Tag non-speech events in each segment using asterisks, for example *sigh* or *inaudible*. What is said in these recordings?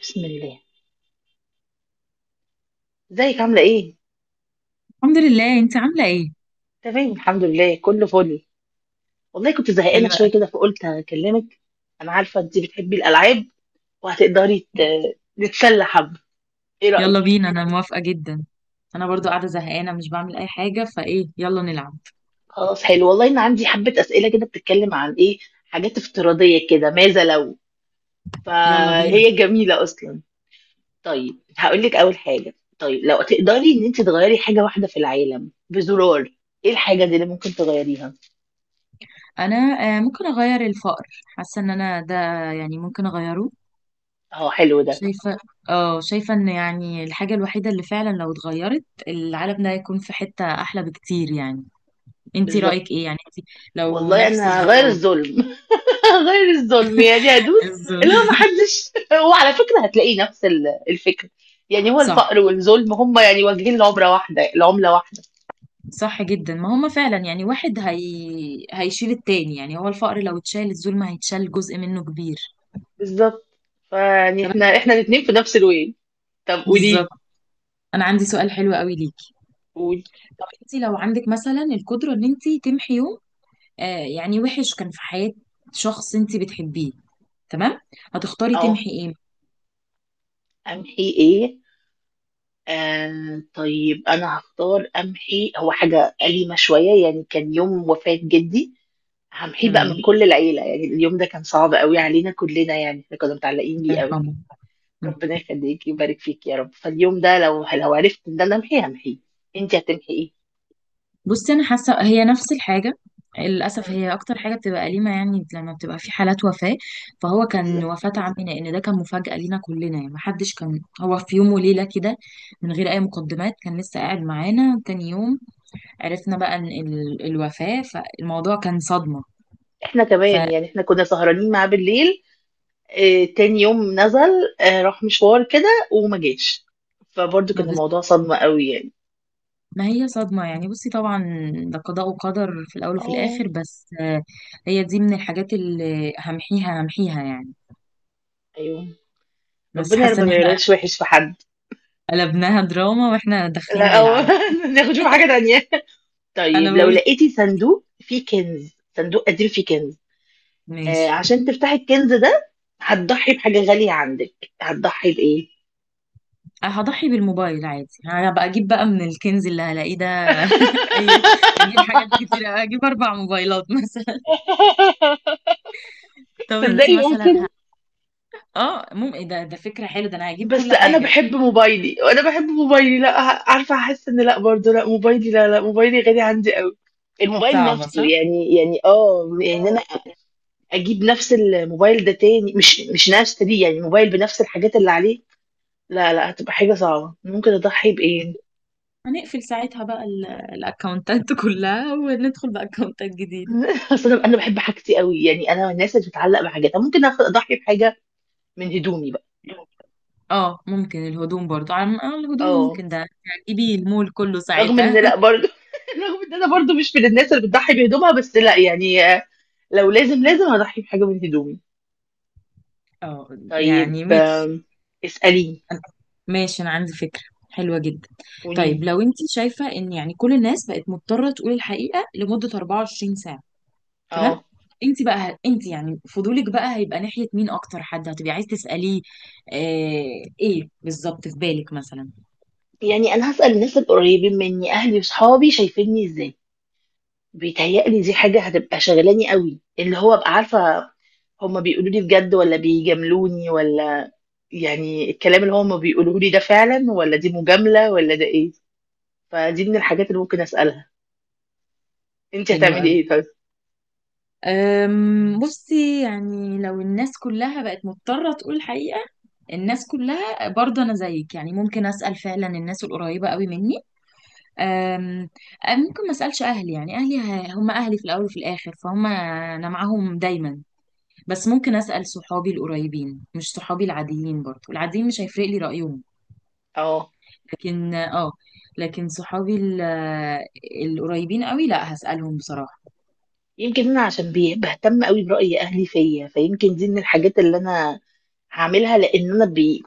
بسم الله، ازيك عاملة ايه؟ الحمد لله، انت عامله ايه؟ تمام، الحمد لله، كله فل. والله كنت زهقانة حلوه شوية قوي. كده، فقلت هكلمك. انا عارفة انتي بتحبي الألعاب، وهتقدري نتسلى حبة. ايه يلا رأيك؟ بينا، انا موافقه جدا. انا برضو قاعده زهقانه مش بعمل اي حاجه، فايه يلا نلعب. خلاص، حلو والله، انا عندي حبة أسئلة كده بتتكلم عن ايه، حاجات افتراضية كده، ماذا لو. يلا بينا. فهي جميلة أصلا. طيب، هقولك أول حاجة. طيب، لو تقدري ان انتي تغيري حاجة واحدة في العالم بزرار، ايه الحاجة دي اللي ممكن تغيريها؟ انا آه ممكن اغير الفقر، حاسه ان انا ده، يعني ممكن اغيره. اه، حلو ده. شايفه. اه، شايفه ان يعني الحاجه الوحيده اللي فعلا لو اتغيرت العالم ده هيكون في حته احلى بكتير يعني. انت بالظبط. رايك ايه يعني، انت لو والله نفس انا هغير الزرار. الظلم. *laughs* غير الظلم، يعني *laughs* هدوس. بالظبط. اللي هو ما حدش، وعلى *laughs* فكرة هتلاقي نفس الفكرة. يعني هو صح. الفقر والظلم هم يعني واجهين، العمرة واحدة، العملة واحدة. صح جدا، ما هما فعلا يعني واحد هيشيل التاني، يعني هو الفقر لو اتشال الظلم هيتشال جزء منه كبير. بالظبط. فيعني طب احنا أنا- احنا الاتنين في نفس الوين. طب بالظبط. قولي. انا عندي سؤال حلو قوي ليكي. قولي. طب انت لو عندك مثلا القدره ان انت تمحي يوم يعني وحش كان في حياه شخص انت بتحبيه، تمام، هتختاري اه، تمحي ايه؟ امحي ايه. طيب، انا هختار امحي هو حاجة أليمة شوية، يعني كان يوم وفاة جدي. همحيه بقى من تمام. كل العيلة، يعني اليوم ده كان صعب قوي علينا كلنا، يعني احنا كنا متعلقين الله بيه قوي. يرحمه. ربنا يخليك، يبارك فيك يا رب. فاليوم ده لو عرفت ان انا امحيه همحيه. انت هتمحي ايه؟ بصي، انا حاسه هي نفس الحاجه. للاسف مم. هي اكتر حاجه بتبقى أليمة يعني لما بتبقى في حالات وفاه. فهو كان بالظبط. وفاه عمي، لان ده كان مفاجاه لينا كلنا، يعني محدش كان هو في يوم وليله كده من غير اي مقدمات، كان لسه قاعد معانا تاني يوم عرفنا بقى ان الوفاه، فالموضوع كان صدمه. احنا كمان، فما يعني احنا كنا سهرانين معاه بالليل. اه، تاني يوم نزل، راح مشوار كده وما جاش. فبرضه كان بز... الموضوع صدمة قوي يعني. ما هي صدمه يعني، بصي طبعا ده قضاء وقدر في الاول وفي اه، الاخر، بس هي دي من الحاجات اللي همحيها، همحيها يعني. ايوه. بس ربنا يا رب حاسه ان ما احنا يقولش وحش في حد. قلبناها دراما واحنا داخلين لا هو *laughs* نلعب. ناخد شوف حاجة تانية. انا طيب، لو بقول لقيتي صندوق فيه كنز، صندوق قديم فيه كنز، اه، ماشي. عشان تفتحي الكنز ده، هتضحي بحاجة غالية عندك، هتضحي بإيه؟ هضحي بالموبايل عادي، هبقى اجيب بقى من الكنز اللي هلاقيه ده. اي، *laughs* اجيب حاجات *laughs* كتير، اجيب 4 موبايلات مثلا. *laughs* طب انتي تصدقي مثلا ممكن. اه ممكن ده فكرة حلوة، ده انا هجيب بس كل انا حاجة. بحب موبايلي، وانا بحب موبايلي، لا، عارفه هحس ان لا برضه، لا موبايلي، لا، لا موبايلي غالي عندي قوي. الموبايل صعبة نفسه، صح. يعني يعني انا اجيب نفس الموبايل ده تاني، مش نفس دي، يعني موبايل بنفس الحاجات اللي عليه. لا، لا هتبقى حاجه صعبه، ممكن اضحي بايه. هنقفل ساعتها بقى الاكونتات *laughs* كلها وندخل باكونتات جديدة. *laughs* اصل أنا بحب حاجتي قوي، يعني انا من الناس اللي بتتعلق بحاجاتها، ممكن اضحي بحاجه، من هدومي بقى. اه ممكن الهدوم برضو، عن الهدوم اه، ممكن ده. هتجيبي المول كله رغم ان لا ساعتها. برضه. *laughs* رغم ان انا برضه مش من الناس اللي بتضحي بهدومها، بس لا يعني، لو لازم، لازم هضحي بحاجه من هدومي. *laughs* اه طيب، يعني ماشي. اساليني. أنا- ماشي، انا عندي فكرة حلوة جدا. طيب قولي. لو انت شايفة ان يعني كل الناس بقت مضطرة تقول الحقيقة لمدة 24 ساعة، تمام، اه، انت بقى انت يعني فضولك بقى هيبقى ناحية مين، اكتر حد هتبقي عايز تسأليه؟ آه ايه بالظبط في بالك مثلا؟ يعني انا هسال الناس القريبين مني، اهلي وصحابي شايفيني ازاي. بيتهيألي دي حاجه هتبقى شغلاني قوي، اللي هو ابقى عارفه هما بيقولوا لي بجد ولا بيجاملوني ولا. يعني الكلام اللي هما بيقولوه لي ده فعلا، ولا دي مجامله، ولا ده ايه. فدي من الحاجات اللي ممكن اسالها. انت حلو هتعملي قوي. ايه طيب؟ بصي يعني لو الناس كلها بقت مضطرة تقول الحقيقة، الناس كلها برضه أنا زيك يعني ممكن أسأل فعلا الناس القريبة قوي مني. أم أم ممكن ما اسالش اهلي، يعني اهلي هم اهلي في الاول وفي الاخر فهم انا معاهم دايما. بس ممكن اسال صحابي القريبين، مش صحابي العاديين، برضو العاديين مش هيفرق لي رايهم. اه. لكن اه لكن صحابي القريبين قوي لا، هسالهم بصراحه. يمكن انا عشان بهتم قوي برأي اهلي فيا، فيمكن دي من الحاجات اللي انا هعملها، لان انا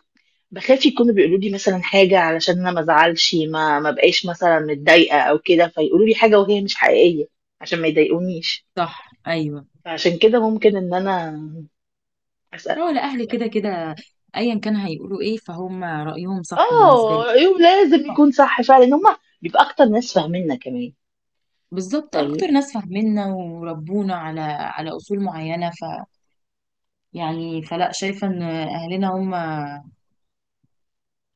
بخاف يكونوا بيقولوا لي مثلا حاجة علشان انا ما ازعلش، ما بقاش مثلا متضايقة او كده، فيقولوا لي حاجة وهي مش حقيقية، عشان ما يضايقونيش. صح، ايوه. فعشان كده ممكن ان انا اسأل. هو لا، اهلي كده كده ايا كان هيقولوا ايه فهم رايهم صح بالنسبه اه، لي. ايوه، لازم يكون صح فعلا، هم بيبقى اكتر ناس فاهميننا كمان. بالظبط، اكتر طيب، ناس فاهميننا وربونا على اصول معينه. يعني فلا شايفة ان اهلنا هم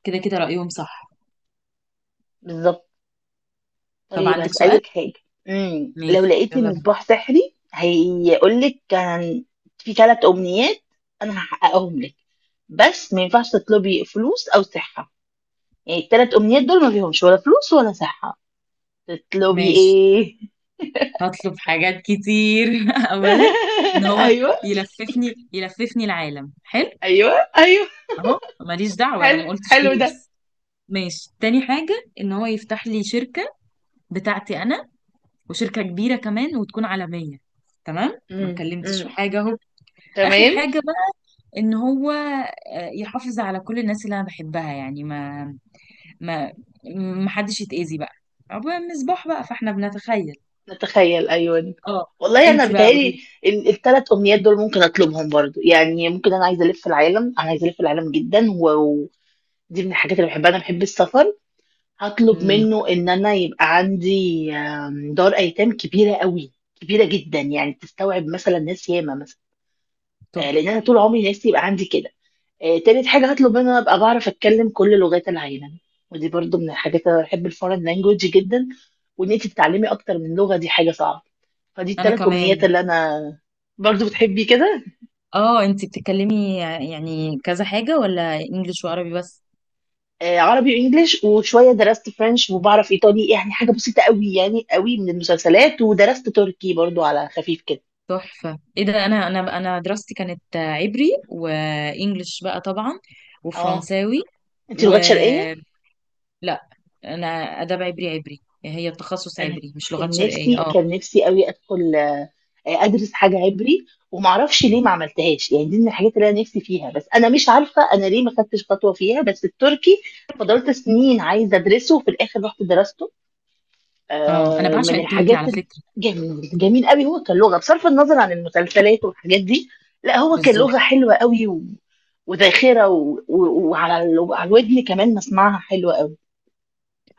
كده كده رأيهم صح. بالظبط. طب طيب، عندك سؤال؟ هسألك حاجة. لو ماشي، لقيتي يلا بينا. مصباح سحري هيقول لك كان في 3 أمنيات، أنا هحققهم لك، بس ما ينفعش تطلبي فلوس أو صحة. يعني ال3 أمنيات دول ما فيهمش ولا فلوس ولا صحة. تطلبي ماشي، إيه؟ هطلب حاجات كتير *laughs* اولا، ان *laughs* هو أيوه. يلففني، يلففني العالم حلو. أيوه، أيوه. اهو ماليش دعوة، انا حلو، ما قلتش حلو ده. فلوس. ماشي، تاني حاجة ان هو يفتح لي شركة بتاعتي انا، وشركة كبيرة كمان وتكون عالمية، تمام، ما امم، اتكلمتش في امم. حاجة اهو. اخر تمام. حاجة بقى، ان هو يحافظ على كل الناس اللي انا بحبها، يعني ما ما حدش يتأذي بقى. عبوة المصباح بقى فاحنا بنتخيل. نتخيل، أيوه. اه. والله أنا انت بقى قولي بيتهيألي لي. ال3 أمنيات دول ممكن أطلبهم برضو، يعني ممكن، أنا عايزة ألف العالم، أنا عايزة ألف العالم جدا، و... دي من الحاجات اللي باحبها، أنا باحب السفر، هاطلب امم منه إن أنا يبقى عندي دار أيتام كبيرة أوي، كبيرة جدًا، يعني تستوعب مثلًا ناس ياما مثلًا، تحفة. لإن أنا طول عمري نفسي يبقى عندي كده. تالت حاجة هاطلب منه إن أنا أبقى باعرف أتكلم كل لغات العالم، ودي برضه من الحاجات، أنا باحب الforeign language جدًا، وإن أنتِ تتعلمي أكتر من لغة دي حاجة صعبة، فدي انا ال3 أمنيات كمان. اللي أنا. برضه بتحبي كده؟ اه انت بتتكلمي يعني كذا حاجة، ولا انجليش وعربي بس؟ آه، عربي وانجليش وشويه درست فرنش وبعرف ايطالي، يعني حاجه بسيطه قوي، يعني قوي من المسلسلات، ودرست تركي برضو على خفيف كده. تحفة، ايه ده، انا دراستي كانت عبري وانجليش بقى طبعا، اه، وفرنساوي. انت و لغات شرقيه. لا، انا اداب عبري. عبري هي التخصص، انا عبري مش لغات كان شرقية، نفسي، اه. كان نفسي قوي ادخل، ادرس حاجه عبري، ومعرفش ليه ما عملتهاش، يعني دي من الحاجات اللي انا نفسي فيها، بس انا مش عارفه انا ليه ما خدتش خطوه فيها. بس التركي فضلت سنين عايزه ادرسه، وفي الاخر رحت درسته. اه انا بعشق من التركي الحاجات على فكرة. الجميل، جميل قوي، هو كان لغه بصرف النظر عن المسلسلات والحاجات دي. لا هو كان لغه بالظبط. حلوه قوي، و... وذاخره، وعلى الودن كمان مسمعها حلوه قوي.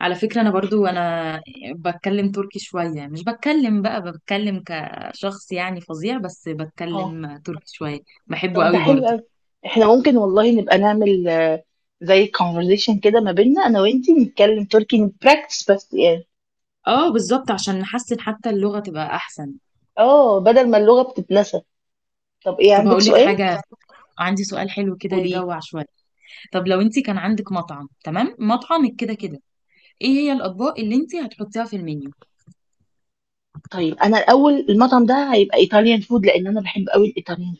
على فكرة أنا برضو أنا بتكلم تركي شوية، مش بتكلم بقى، بتكلم كشخص يعني فظيع، بس اه، بتكلم تركي شوية. بحبه طب ده قوي حلو برضو. قوي. احنا ممكن والله نبقى نعمل زي كونفرزيشن كده ما بيننا انا وانتي، نتكلم تركي، نبراكتس بس يعني. اه بالظبط، عشان نحسن، حتى اللغة تبقى أحسن. اه، بدل ما اللغه بتتنسى. طب ايه، طب عندك هقولك سؤال؟ حاجة. عندي سؤال حلو كده قولي. يجوع شوية. طب لو انت كان عندك مطعم، تمام، مطعمك كده كده ايه هي الأطباق اللي انت هتحطيها في المنيو؟ طيب، انا الاول المطعم ده هيبقى ايطاليان فود، لان انا بحب قوي الايطاليان.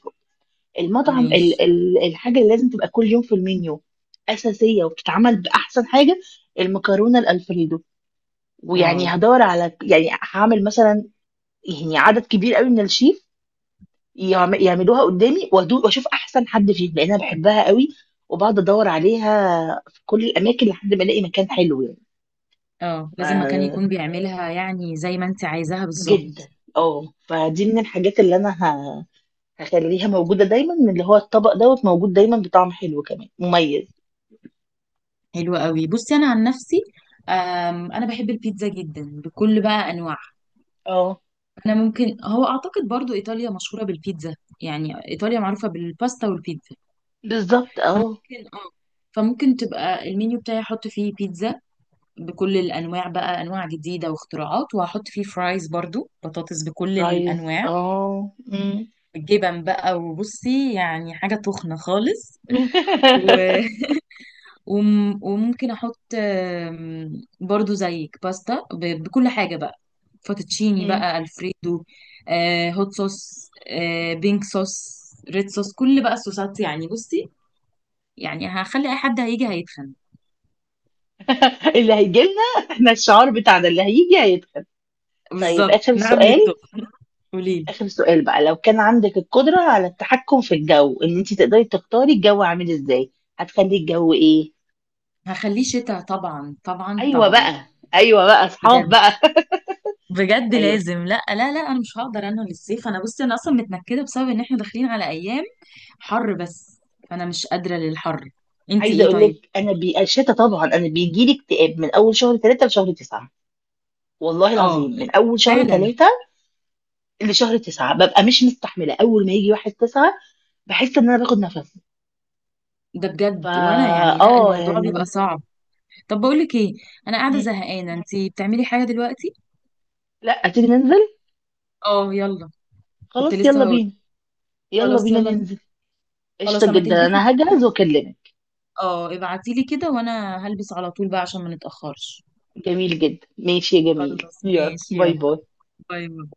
المطعم ماشي. ال ال الحاجة اللي لازم تبقى كل يوم في المنيو، أساسية وبتتعمل بأحسن حاجة، المكرونة الألفريدو. واو. ويعني هدور على، يعني هعمل مثلا، يعني عدد كبير قوي من الشيف يعملوها قدامي وأدوق واشوف احسن حد فيهم، لان انا بحبها قوي، وبقعد ادور عليها في كل الاماكن لحد ما الاقي مكان حلو يعني. اه لازم مكان يكون ف- بيعملها يعني زي ما انت عايزاها بالظبط. جدا. اه، فدي من الحاجات اللي انا هخليها موجوده دايما، من اللي هو الطبق دوت موجود دايما بطعم حلو كمان مميز. حلو قوي. بصي انا عن نفسي، انا بحب البيتزا جدا بكل بقى انواعها. اه، انا ممكن هو اعتقد برضو ايطاليا مشهوره بالبيتزا، يعني ايطاليا معروفه بالباستا والبيتزا. بالضبط، فممكن اه فممكن تبقى المنيو بتاعي احط فيه بيتزا بكل الانواع بقى، انواع جديده واختراعات، وهحط فيه فرايز برضو، بطاطس بكل وفرايز، الانواع، جبن بقى، وبصي يعني حاجه تخنه خالص. إمم. *laughs* وممكن احط برضو زيك باستا، بكل حاجه بقى، فوتوتشيني بقى *laughs* الفريدو، هوت صوص، بينك صوص، ريد صوص، كل بقى الصوصات يعني. بصي يعني هخلي اي حد هيجي هيتخن. اللي هييجي لنا إحنا الشعار بتاعنا، اللي هييجي هيكسب. طيب، بالظبط، آخر نعم سؤال. للطب. قوليلي. آخر سؤال بقى، لو كان عندِك القدرة على التحكم في الجو، إن أنتِ تقدري تختاري الجو عامل إزاي، هتخلّي الجو إيه؟ هخليه شتاء طبعا طبعا أيوه طبعا. بقى. أيوه بقى، بجد، أصحاب بقى. *laughs* بجد أيوه. لازم. لا لا لا، انا مش هقدر. انا للصيف انا، بصي انا اصلا متنكده بسبب ان احنا داخلين على ايام حر بس، فانا مش قادره للحر. انتي عايزة ايه أقول طيب؟ لِك أنا الشتا طبعًا، أنا بييجي لي اكتئاب من أول شهر 3 لشهر 9، والله العظيم، اه من أول شهر فعلا، 3 لشهر 9 ببقى مش مستحملة. أول ما يجي واحد تسعة بحس إن أنا باخد نفسي. ده بجد، فا وانا يعني لا، اه الموضوع بيبقى يعني. صعب. طب بقول لك ايه، انا قاعده مم. زهقانه، انتي بتعملي حاجه دلوقتي؟ لا، تيجي ننزل؟ اه يلا. كنت خلاص، يلا لسه هقول. بينا. يلا خلاص بينا يلا. ننزل. قشطة خلاص، لما جدا، تلبسي أنا هجهز ابعتيلي، وأكلمك. اه ابعتيلي كده وانا هلبس على طول بقى عشان ما نتاخرش. جميل جدا، ماشي يا جميل، خلاص، يلا ماشي، باي يلا. باي. باي باي.